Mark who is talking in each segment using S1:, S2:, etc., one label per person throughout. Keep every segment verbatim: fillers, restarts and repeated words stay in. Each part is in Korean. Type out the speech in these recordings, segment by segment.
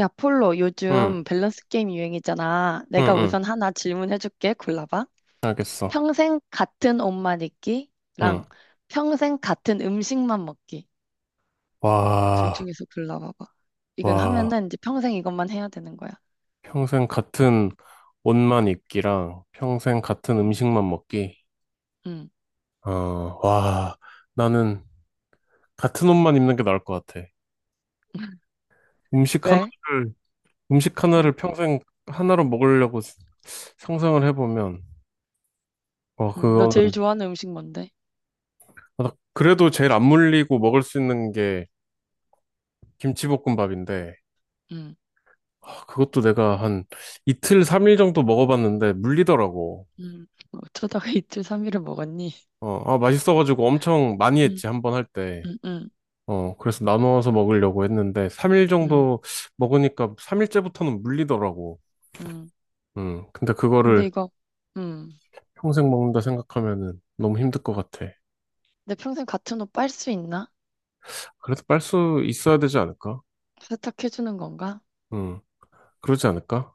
S1: 야, 폴로,
S2: 응,
S1: 요즘 밸런스 게임 유행이잖아.
S2: 응,
S1: 내가
S2: 응.
S1: 우선 하나 질문해줄게. 골라봐.
S2: 알겠어.
S1: 평생 같은 옷만
S2: 응.
S1: 입기랑 평생 같은 음식만 먹기. 둘
S2: 와,
S1: 중에서 골라봐봐. 이건
S2: 와.
S1: 하면은 이제 평생 이것만 해야 되는 거야.
S2: 평생 같은 옷만 입기랑 평생 같은
S1: 음,
S2: 음식만 먹기.
S1: 음.
S2: 어, 와. 나는 같은 옷만 입는 게 나을 것 같아. 음식
S1: 왜?
S2: 하나를, 음식 하나를
S1: 음,
S2: 평생 하나로 먹으려고 스- 상상을 해보면, 어,
S1: 음. 너 제일
S2: 그거는.
S1: 좋아하는 음식 뭔데?
S2: 아, 그래도 제일 안 물리고 먹을 수 있는 게 김치볶음밥인데,
S1: 음,
S2: 아, 그것도 내가 한 이틀, 삼일 정도 먹어봤는데 물리더라고.
S1: 음. 뭐 어쩌다가 이틀 삼일을 먹었니?
S2: 어, 아, 맛있어가지고 엄청 많이
S1: 음,
S2: 했지, 한 번 할 때.
S1: 음, 음,
S2: 어, 그래서 나눠서 먹으려고 했는데, 삼 일
S1: 음,
S2: 정도 먹으니까 삼 일째부터는 물리더라고.
S1: 음.
S2: 음, 근데
S1: 근데
S2: 그거를
S1: 이거, 음.
S2: 평생 먹는다 생각하면은 너무 힘들 것 같아.
S1: 내 평생 같은 옷 빨 수 있나?
S2: 그래도 빨 수 있어야 되지 않을까?
S1: 세탁해주는 건가?
S2: 음, 그러지 않을까?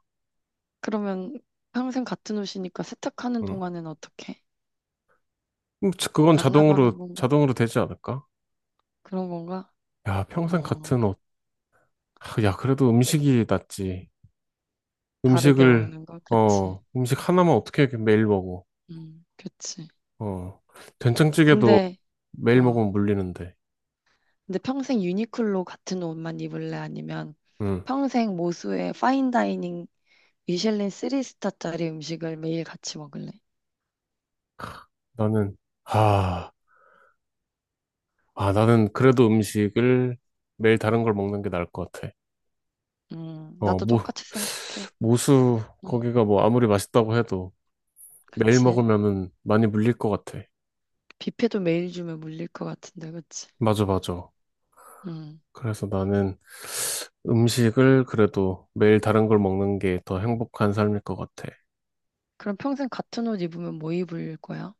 S1: 그러면 평생 같은 옷이니까 세탁하는
S2: 음,
S1: 동안엔 어떻게?
S2: 음, 자- 그건
S1: 안 나가는
S2: 자동으로,
S1: 건가?
S2: 자동으로 되지 않을까?
S1: 그런 건가?
S2: 야, 평생
S1: 어,
S2: 같은 옷. 하, 야, 그래도 음식이 낫지.
S1: 다르게
S2: 음식을,
S1: 먹는 거? 그치.
S2: 어, 음식 하나만 어떻게 이렇게 매일 먹어.
S1: 음, 그치.
S2: 어, 된장찌개도
S1: 근데,
S2: 매일
S1: 어,
S2: 먹으면 물리는데.
S1: 근데 평생 유니클로 같은 옷만 입을래? 아니면
S2: 응.
S1: 평생 모수의 파인다이닝 미슐린 쓰리 스타짜리 음식을 매일 같이 먹을래?
S2: 나는, 아, 아, 나는 그래도 음식을 매일 다른 걸 먹는 게 나을 것 같아.
S1: 음,
S2: 어,
S1: 나도
S2: 뭐,
S1: 똑같이 생각해.
S2: 모수,
S1: 음,
S2: 거기가 뭐 아무리 맛있다고 해도 매일
S1: 그치.
S2: 먹으면은 많이 물릴 것 같아.
S1: 뷔페도 매일 주면 물릴 것 같은데, 그치.
S2: 맞아, 맞아.
S1: 음,
S2: 그래서 나는 음식을 그래도 매일 다른 걸 먹는 게 더 행복한 삶일 것 같아.
S1: 그럼 평생 같은 옷 입으면 뭐 입을 거야?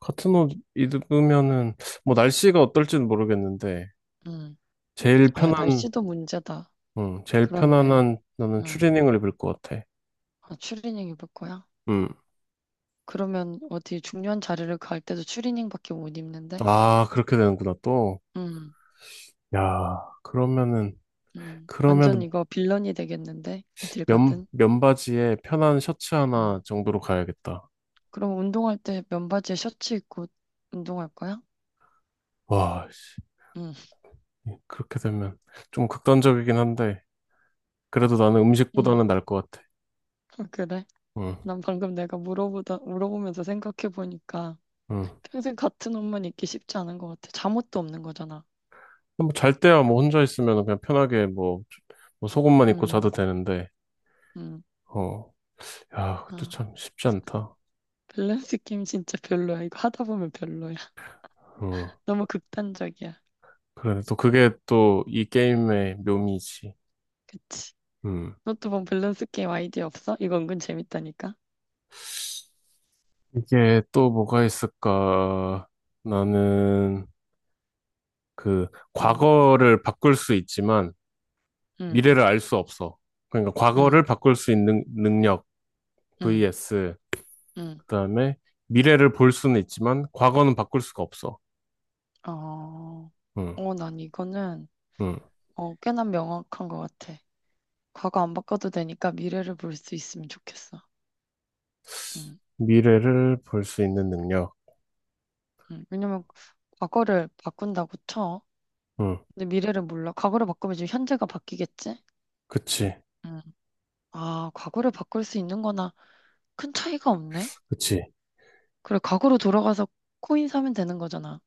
S2: 같은 옷 입으면은, 뭐 날씨가 어떨지는 모르겠는데,
S1: 음.
S2: 제일
S1: 아, 야,
S2: 편한
S1: 날씨도 문제다.
S2: 음, 제일
S1: 그렇네.
S2: 편안한 나는
S1: 응.
S2: 추리닝을 입을 것 같아.
S1: 아, 추리닝 입을 거야?
S2: 음.
S1: 그러면 어디 중요한 자리를 갈 때도 추리닝밖에 못 입는데?
S2: 아, 그렇게 되는구나, 또.
S1: 응,
S2: 야, 그러면은,
S1: 응. 완전
S2: 그러면은
S1: 이거 빌런이 되겠는데? 어딜
S2: 면,
S1: 가든.
S2: 면바지에 편한 셔츠 하나
S1: 응.
S2: 정도로 가야겠다.
S1: 그럼 운동할 때 면바지에 셔츠 입고 운동할 거야?
S2: 와, 씨.
S1: 응,
S2: 예, 그렇게 되면 좀 극단적이긴 한데, 그래도 나는
S1: 응.
S2: 음식보다는 나을 것 같아.
S1: 아, 그래?
S2: 응,
S1: 난 방금 내가 물어보다, 물어보면서 생각해보니까
S2: 응.
S1: 평생 같은 옷만 입기 쉽지 않은 것 같아. 잠옷도 없는 거잖아.
S2: 뭐잘 때야 뭐 혼자 있으면 그냥 편하게 뭐, 뭐 속옷만 입고 자도
S1: 응,
S2: 되는데.
S1: 응.
S2: 어, 야, 그것도
S1: 아,
S2: 참 쉽지 않다.
S1: 밸런스 게임 진짜 별로야. 이거 하다 보면 별로야.
S2: 응.
S1: 너무 극단적이야.
S2: 그래, 또 그게 또 이 게임의 묘미지.
S1: 그치.
S2: 음.
S1: 노트북 밸런스 게임 아이디어 없어? 이거 은근 재밌다니까.
S2: 이게 또 뭐가 있을까? 나는 그
S1: 응,
S2: 과거를 바꿀 수 있지만
S1: 응,
S2: 미래를 알 수 없어. 그러니까
S1: 응,
S2: 과거를 바꿀 수 있는 능력
S1: 응,
S2: vs
S1: 응.
S2: 그다음에 미래를 볼 수는 있지만 과거는 바꿀 수가 없어.
S1: 어,
S2: 응,
S1: 어, 난 이거는
S2: 응.
S1: 어, 꽤나 명확한 것 같아. 과거 안 바꿔도 되니까 미래를 볼 수 있으면 좋겠어. 응,
S2: 미래를 볼 수 있는 능력.
S1: 응. 왜냐면 과거를 바꾼다고 쳐.
S2: 응,
S1: 근데 미래를 몰라. 과거를 바꾸면 지금 현재가 바뀌겠지?
S2: 그치.
S1: 응. 아, 과거를 바꿀 수 있는 거나 큰 차이가 없네?
S2: 그치.
S1: 그래, 과거로 돌아가서 코인 사면 되는 거잖아.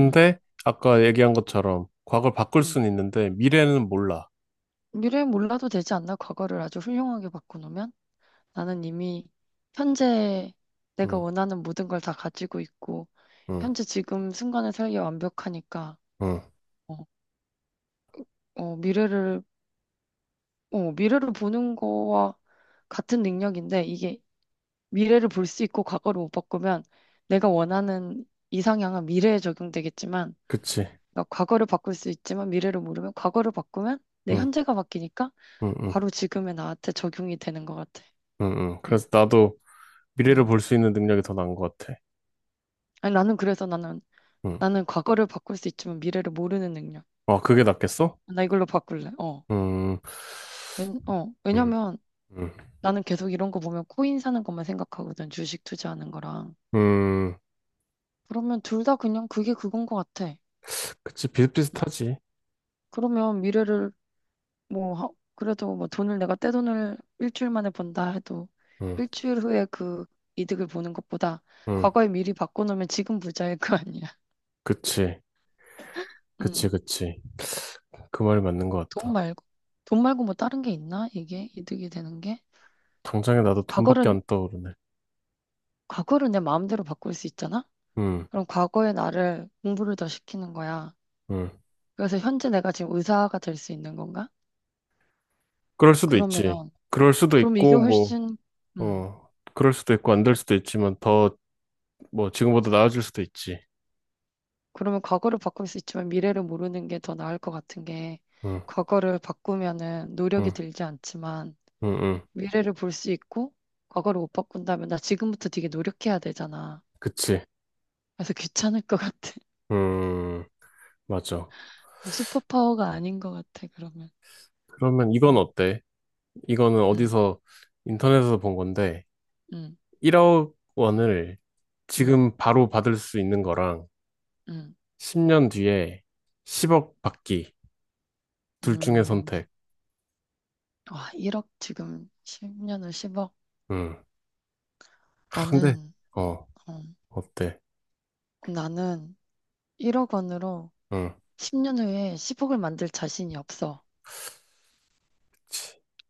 S1: 응.
S2: 아까 얘기한 것처럼 과거를 바꿀
S1: 응.
S2: 수는 있는데 미래는 몰라.
S1: 미래 몰라도 되지 않나? 과거를 아주 훌륭하게 바꿔놓으면? 나는 이미 현재 내가
S2: 응,
S1: 원하는 모든 걸 다 가지고 있고,
S2: 응,
S1: 현재 지금 순간의 살기 완벽하니까,
S2: 응.
S1: 어, 어, 미래를, 어, 미래를 보는 거와 같은 능력인데, 이게 미래를 볼 수 있고 과거를 못 바꾸면 내가 원하는 이상향은 미래에 적용되겠지만,
S2: 그치.
S1: 그러니까 과거를 바꿀 수 있지만 미래를 모르면 과거를 바꾸면 내
S2: 응,
S1: 현재가 바뀌니까
S2: 응, 응.
S1: 바로 지금의 나한테 적용이 되는 것 같아.
S2: 응, 응.
S1: 음,
S2: 그래서 나도 미래를
S1: 음.
S2: 볼 수 있는 능력이 더 나은 것 같아.
S1: 아니, 나는 그래서 나는,
S2: 응.
S1: 나는 과거를 바꿀 수 있지만 미래를 모르는 능력.
S2: 아, 그게 낫겠어?
S1: 나 이걸로 바꿀래. 어.
S2: 음,
S1: 왜, 어.
S2: 음,
S1: 왜냐면
S2: 음,
S1: 나는 계속 이런 거 보면 코인 사는 것만 생각하거든. 주식 투자하는 거랑.
S2: 음.
S1: 그러면 둘 다 그냥 그게 그건 것 같아.
S2: 그치,
S1: 음.
S2: 비슷비슷하지.
S1: 그러면 미래를 뭐, 하- 그래도 뭐 돈을 내가 떼돈을 일주일 만에 번다 해도
S2: 응,
S1: 일주일 후에 그 이득을 보는 것보다
S2: 응.
S1: 과거에 미리 바꿔놓으면 지금 부자일 거 아니야.
S2: 그치, 그치,
S1: 음.
S2: 그치. 그 말이 맞는 것
S1: 돈
S2: 같다.
S1: 말고. 돈 말고 뭐 다른 게 있나? 이게 이득이 되는 게?
S2: 당장에 나도 돈밖에
S1: 과거를
S2: 안 떠오르네.
S1: 과거를 내 마음대로 바꿀 수 있잖아?
S2: 응,
S1: 그럼 과거의 나를 공부를 더 시키는 거야.
S2: 응.
S1: 그래서 현재 내가 지금 의사가 될 수 있는 건가?
S2: 그럴 수도 있지.
S1: 그러면,
S2: 그럴 수도
S1: 그럼 이게
S2: 있고, 뭐,
S1: 훨씬, 음,
S2: 어, 그럴 수도 있고, 안 될 수도 있지만, 더, 뭐, 지금보다 나아질 수도 있지.
S1: 그러면 과거를 바꿀 수 있지만 미래를 모르는 게 더 나을 것 같은 게,
S2: 응,
S1: 과거를 바꾸면은 노력이
S2: 응,
S1: 들지 않지만,
S2: 응, 응.
S1: 미래를 볼 수 있고, 과거를 못 바꾼다면 나 지금부터 되게 노력해야 되잖아.
S2: 그치.
S1: 그래서 귀찮을 것 같아.
S2: 음, 맞아.
S1: 슈퍼파워가 아닌 것 같아, 그러면.
S2: 그러면 이건
S1: 음,
S2: 어때? 이거는
S1: 음,
S2: 어디서 인터넷에서 본 건데
S1: 음,
S2: 일억 원을
S1: 음,
S2: 지금 바로 받을 수 있는 거랑
S1: 음,
S2: 십 년 뒤에 십억 받기 둘 중에
S1: 음.
S2: 선택.
S1: 아, 일억 지금 십 년을 십억.
S2: 음. 아, 근데
S1: 나는,
S2: 어
S1: 어,
S2: 어때?
S1: 나는 일억 원으로
S2: 응.
S1: 십 년 후에 십억을 만들 자신이 없어.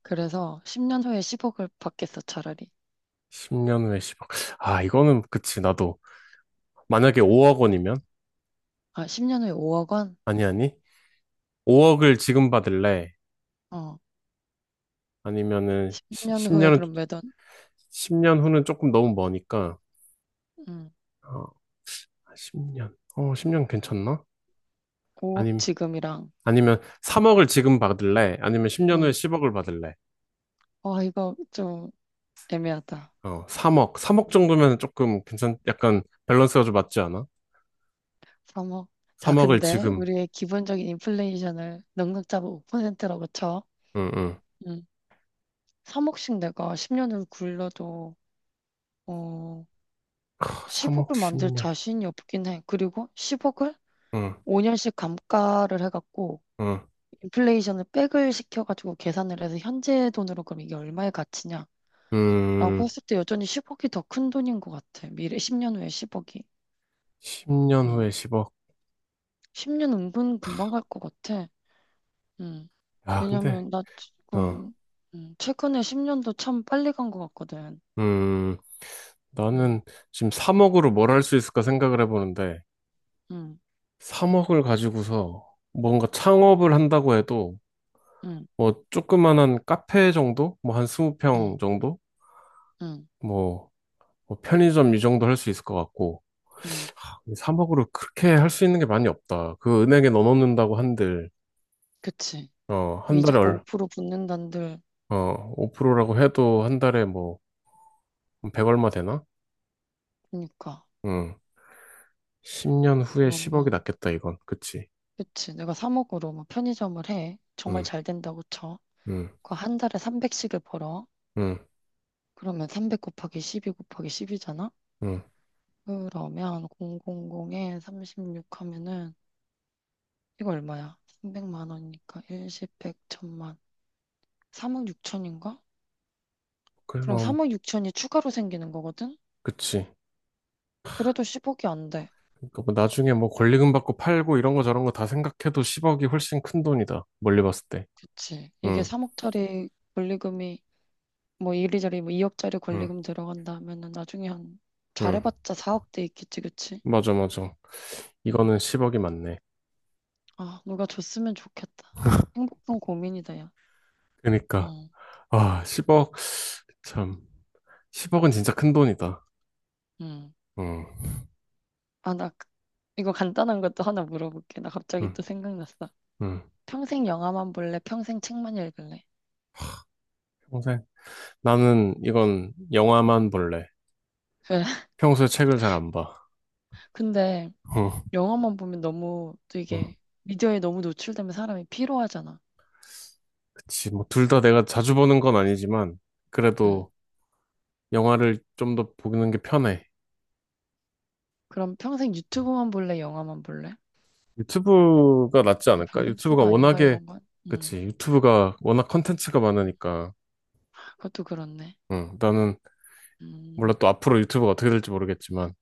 S1: 그래서 십 년 후에 십억을 받겠어, 차라리.
S2: 십 년 후에 십억. 아, 이거는 그치, 나도 만약에 오억 원이면,
S1: 아, 십 년 후에 오억 원?
S2: 아니 아니, 오억을 지금 받을래?
S1: 어,
S2: 아니면은
S1: 십 년 후에
S2: 십 년
S1: 그럼 몇 원?
S2: 십 년 후는 조금 너무 머니까.
S1: 응,
S2: 어, 십 년. 어, 십 년 괜찮나?
S1: 오억
S2: 아님,
S1: 지금이랑,
S2: 아니면 삼억을 지금 받을래? 아니면 십 년 후에
S1: 응,
S2: 십억을 받을래?
S1: 와, 이거 좀 애매하다.
S2: 어, 삼억. 삼억 정도면 조금 괜찮, 약간 밸런스가 좀 맞지 않아?
S1: 삼억. 자,
S2: 삼억을
S1: 근데
S2: 지금,
S1: 우리의 기본적인 인플레이션을 넉넉 잡아 오 퍼센트라고 쳐.
S2: 응, 응.
S1: 응, 삼억씩 내가 십 년을 굴러도, 어,
S2: 삼억
S1: 십억을 만들
S2: 십 년.
S1: 자신이 없긴 해. 그리고 십억을
S2: 응,
S1: 오 년씩 감가를 해갖고
S2: 응.
S1: 인플레이션을 백을 시켜가지고 계산을 해서 현재 돈으로 그럼 이게 얼마의 가치냐라고
S2: 음,
S1: 했을 때 여전히 십억이 더 큰 돈인 것 같아. 미래 십 년 후에 십억이.
S2: 십 년
S1: 음.
S2: 후에 십억.
S1: 십 년 은근 금방 갈 것 같아. 음.
S2: 야, 근데,
S1: 왜냐면 나
S2: 어,
S1: 지금 음, 최근에 십 년도 참 빨리 간 것 같거든.
S2: 음, 나는
S1: 음.
S2: 지금 삼억으로 뭘 할 수 있을까 생각을 해보는데,
S1: 음.
S2: 삼억을 가지고서 뭔가 창업을 한다고 해도,
S1: 음.
S2: 뭐, 조그만한 카페 정도? 뭐, 한 이십 평
S1: 음.
S2: 정도?
S1: 음.
S2: 뭐, 뭐 편의점 이 정도 할 수 있을 것 같고.
S1: 음.
S2: 삼억으로 그렇게 할 수 있는 게 많이 없다. 그 은행에 넣어놓는다고 한들.
S1: 그치.
S2: 어, 한 달에
S1: 이자가
S2: 얼,
S1: 오 퍼센트 붙는단들.
S2: 어, 오 프로라고 해도 한 달에 뭐 백 얼마 되나?
S1: 그러니까.
S2: 응. 십 년 후에 십억이
S1: 그러면
S2: 낫겠다, 이건. 그치?
S1: 그치. 내가 삼억으로 뭐 편의점을 해. 정말
S2: 응.
S1: 잘 된다고 쳐.
S2: 응.
S1: 그 한 달에 삼백씩을 벌어.
S2: 응.
S1: 그러면 삼백 곱하기 십이 곱하기 십이잖아?
S2: 응.
S1: 그러면 공공공에 삼십육 하면은 이거 얼마야? 삼백만 원이니까 십, 백, 천만. 삼억 육천인가? 그럼
S2: 그리고.
S1: 삼억 육천이 추가로 생기는 거거든?
S2: 그치.
S1: 그래도 십억이 안 돼.
S2: 그러니까 뭐 나중에 뭐 권리금 받고 팔고 이런 거 저런 거 다 생각해도 십억이 훨씬 큰 돈이다. 멀리 봤을 때.
S1: 그치. 이게
S2: 응.
S1: 삼억짜리 권리금이 뭐 이리저리 뭐 이억짜리
S2: 응.
S1: 권리금 들어간다 하면은 나중에 한
S2: 응.
S1: 잘해봤자 사억대 있겠지, 그치?
S2: 맞아, 맞아.
S1: 음.
S2: 이거는 십억이 맞네.
S1: 아, 누가 줬으면 좋겠다. 행복한 고민이다, 야.
S2: 그러니까
S1: 응,
S2: 아, 십억. 참, 십억은 진짜 큰 돈이다.
S1: 응.
S2: 응,
S1: 아, 나 그- 이거 간단한 것도 하나 물어볼게. 나 갑자기
S2: 응,
S1: 또 생각났어.
S2: 응.
S1: 평생 영화만 볼래? 평생 책만 읽을래?
S2: 평생. 나는 이건 영화만 볼래.
S1: 왜?
S2: 평소에 책을 잘 안 봐.
S1: 근데
S2: 응,
S1: 영화만 보면 너무 또
S2: 응.
S1: 이게 미디어에 너무 노출되면 사람이 피로하잖아.
S2: 그치. 뭐, 둘 다 내가 자주 보는 건 아니지만,
S1: 응.
S2: 그래도 영화를 좀 더 보는 게 편해.
S1: 그럼 평생 유튜브만 볼래? 영화만 볼래?
S2: 유튜브가 낫지
S1: 이게
S2: 않을까? 유튜브가
S1: 밸런스가 아닌가,
S2: 워낙에.
S1: 이런 건? 응.
S2: 그치. 유튜브가 워낙 컨텐츠가
S1: 응.
S2: 많으니까.
S1: 그것도 그렇네.
S2: 응, 나는, 몰라
S1: 음.
S2: 또 앞으로 유튜브가 어떻게 될지 모르겠지만,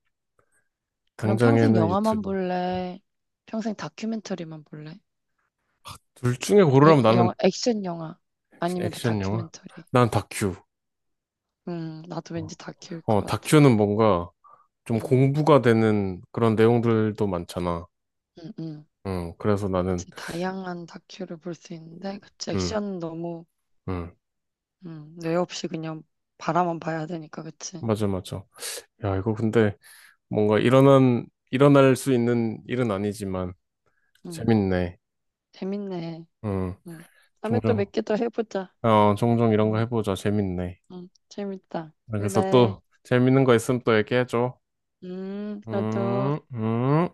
S1: 그럼 평생
S2: 당장에는
S1: 영화만
S2: 유튜브.
S1: 볼래? 평생 다큐멘터리만 볼래?
S2: 둘 중에 고르라면
S1: 예-
S2: 나는
S1: 영화, 액션 영화 아니면
S2: 액션 영화?
S1: 다큐멘터리.
S2: 난 다큐.
S1: 음, 나도 왠지 다큐일
S2: 어,
S1: 것 같아.
S2: 다큐는 뭔가 좀
S1: 음,
S2: 공부가 되는 그런 내용들도 많잖아.
S1: 음, 음.
S2: 음, 그래서 나는.
S1: 이제 다양한 다큐를 볼 수 있는데, 그치,
S2: 음,
S1: 액션은 너무,
S2: 음,
S1: 음, 뇌 없이 그냥 바라만 봐야 되니까, 그치.
S2: 맞아, 맞아. 야, 이거 근데 뭔가 일어난, 일어날 수 있는 일은 아니지만,
S1: 음,
S2: 재밌네.
S1: 재밌네.
S2: 음,
S1: 음. 다음에 또
S2: 종종,
S1: 몇 개 더 해보자.
S2: 어, 종종 이런 거
S1: 음,
S2: 해보자. 재밌네.
S1: 음, 재밌다.
S2: 아, 그래서
S1: 그래.
S2: 또 재밌는 거 있으면 또 얘기해줘.
S1: 음, 너도.
S2: 음, 음.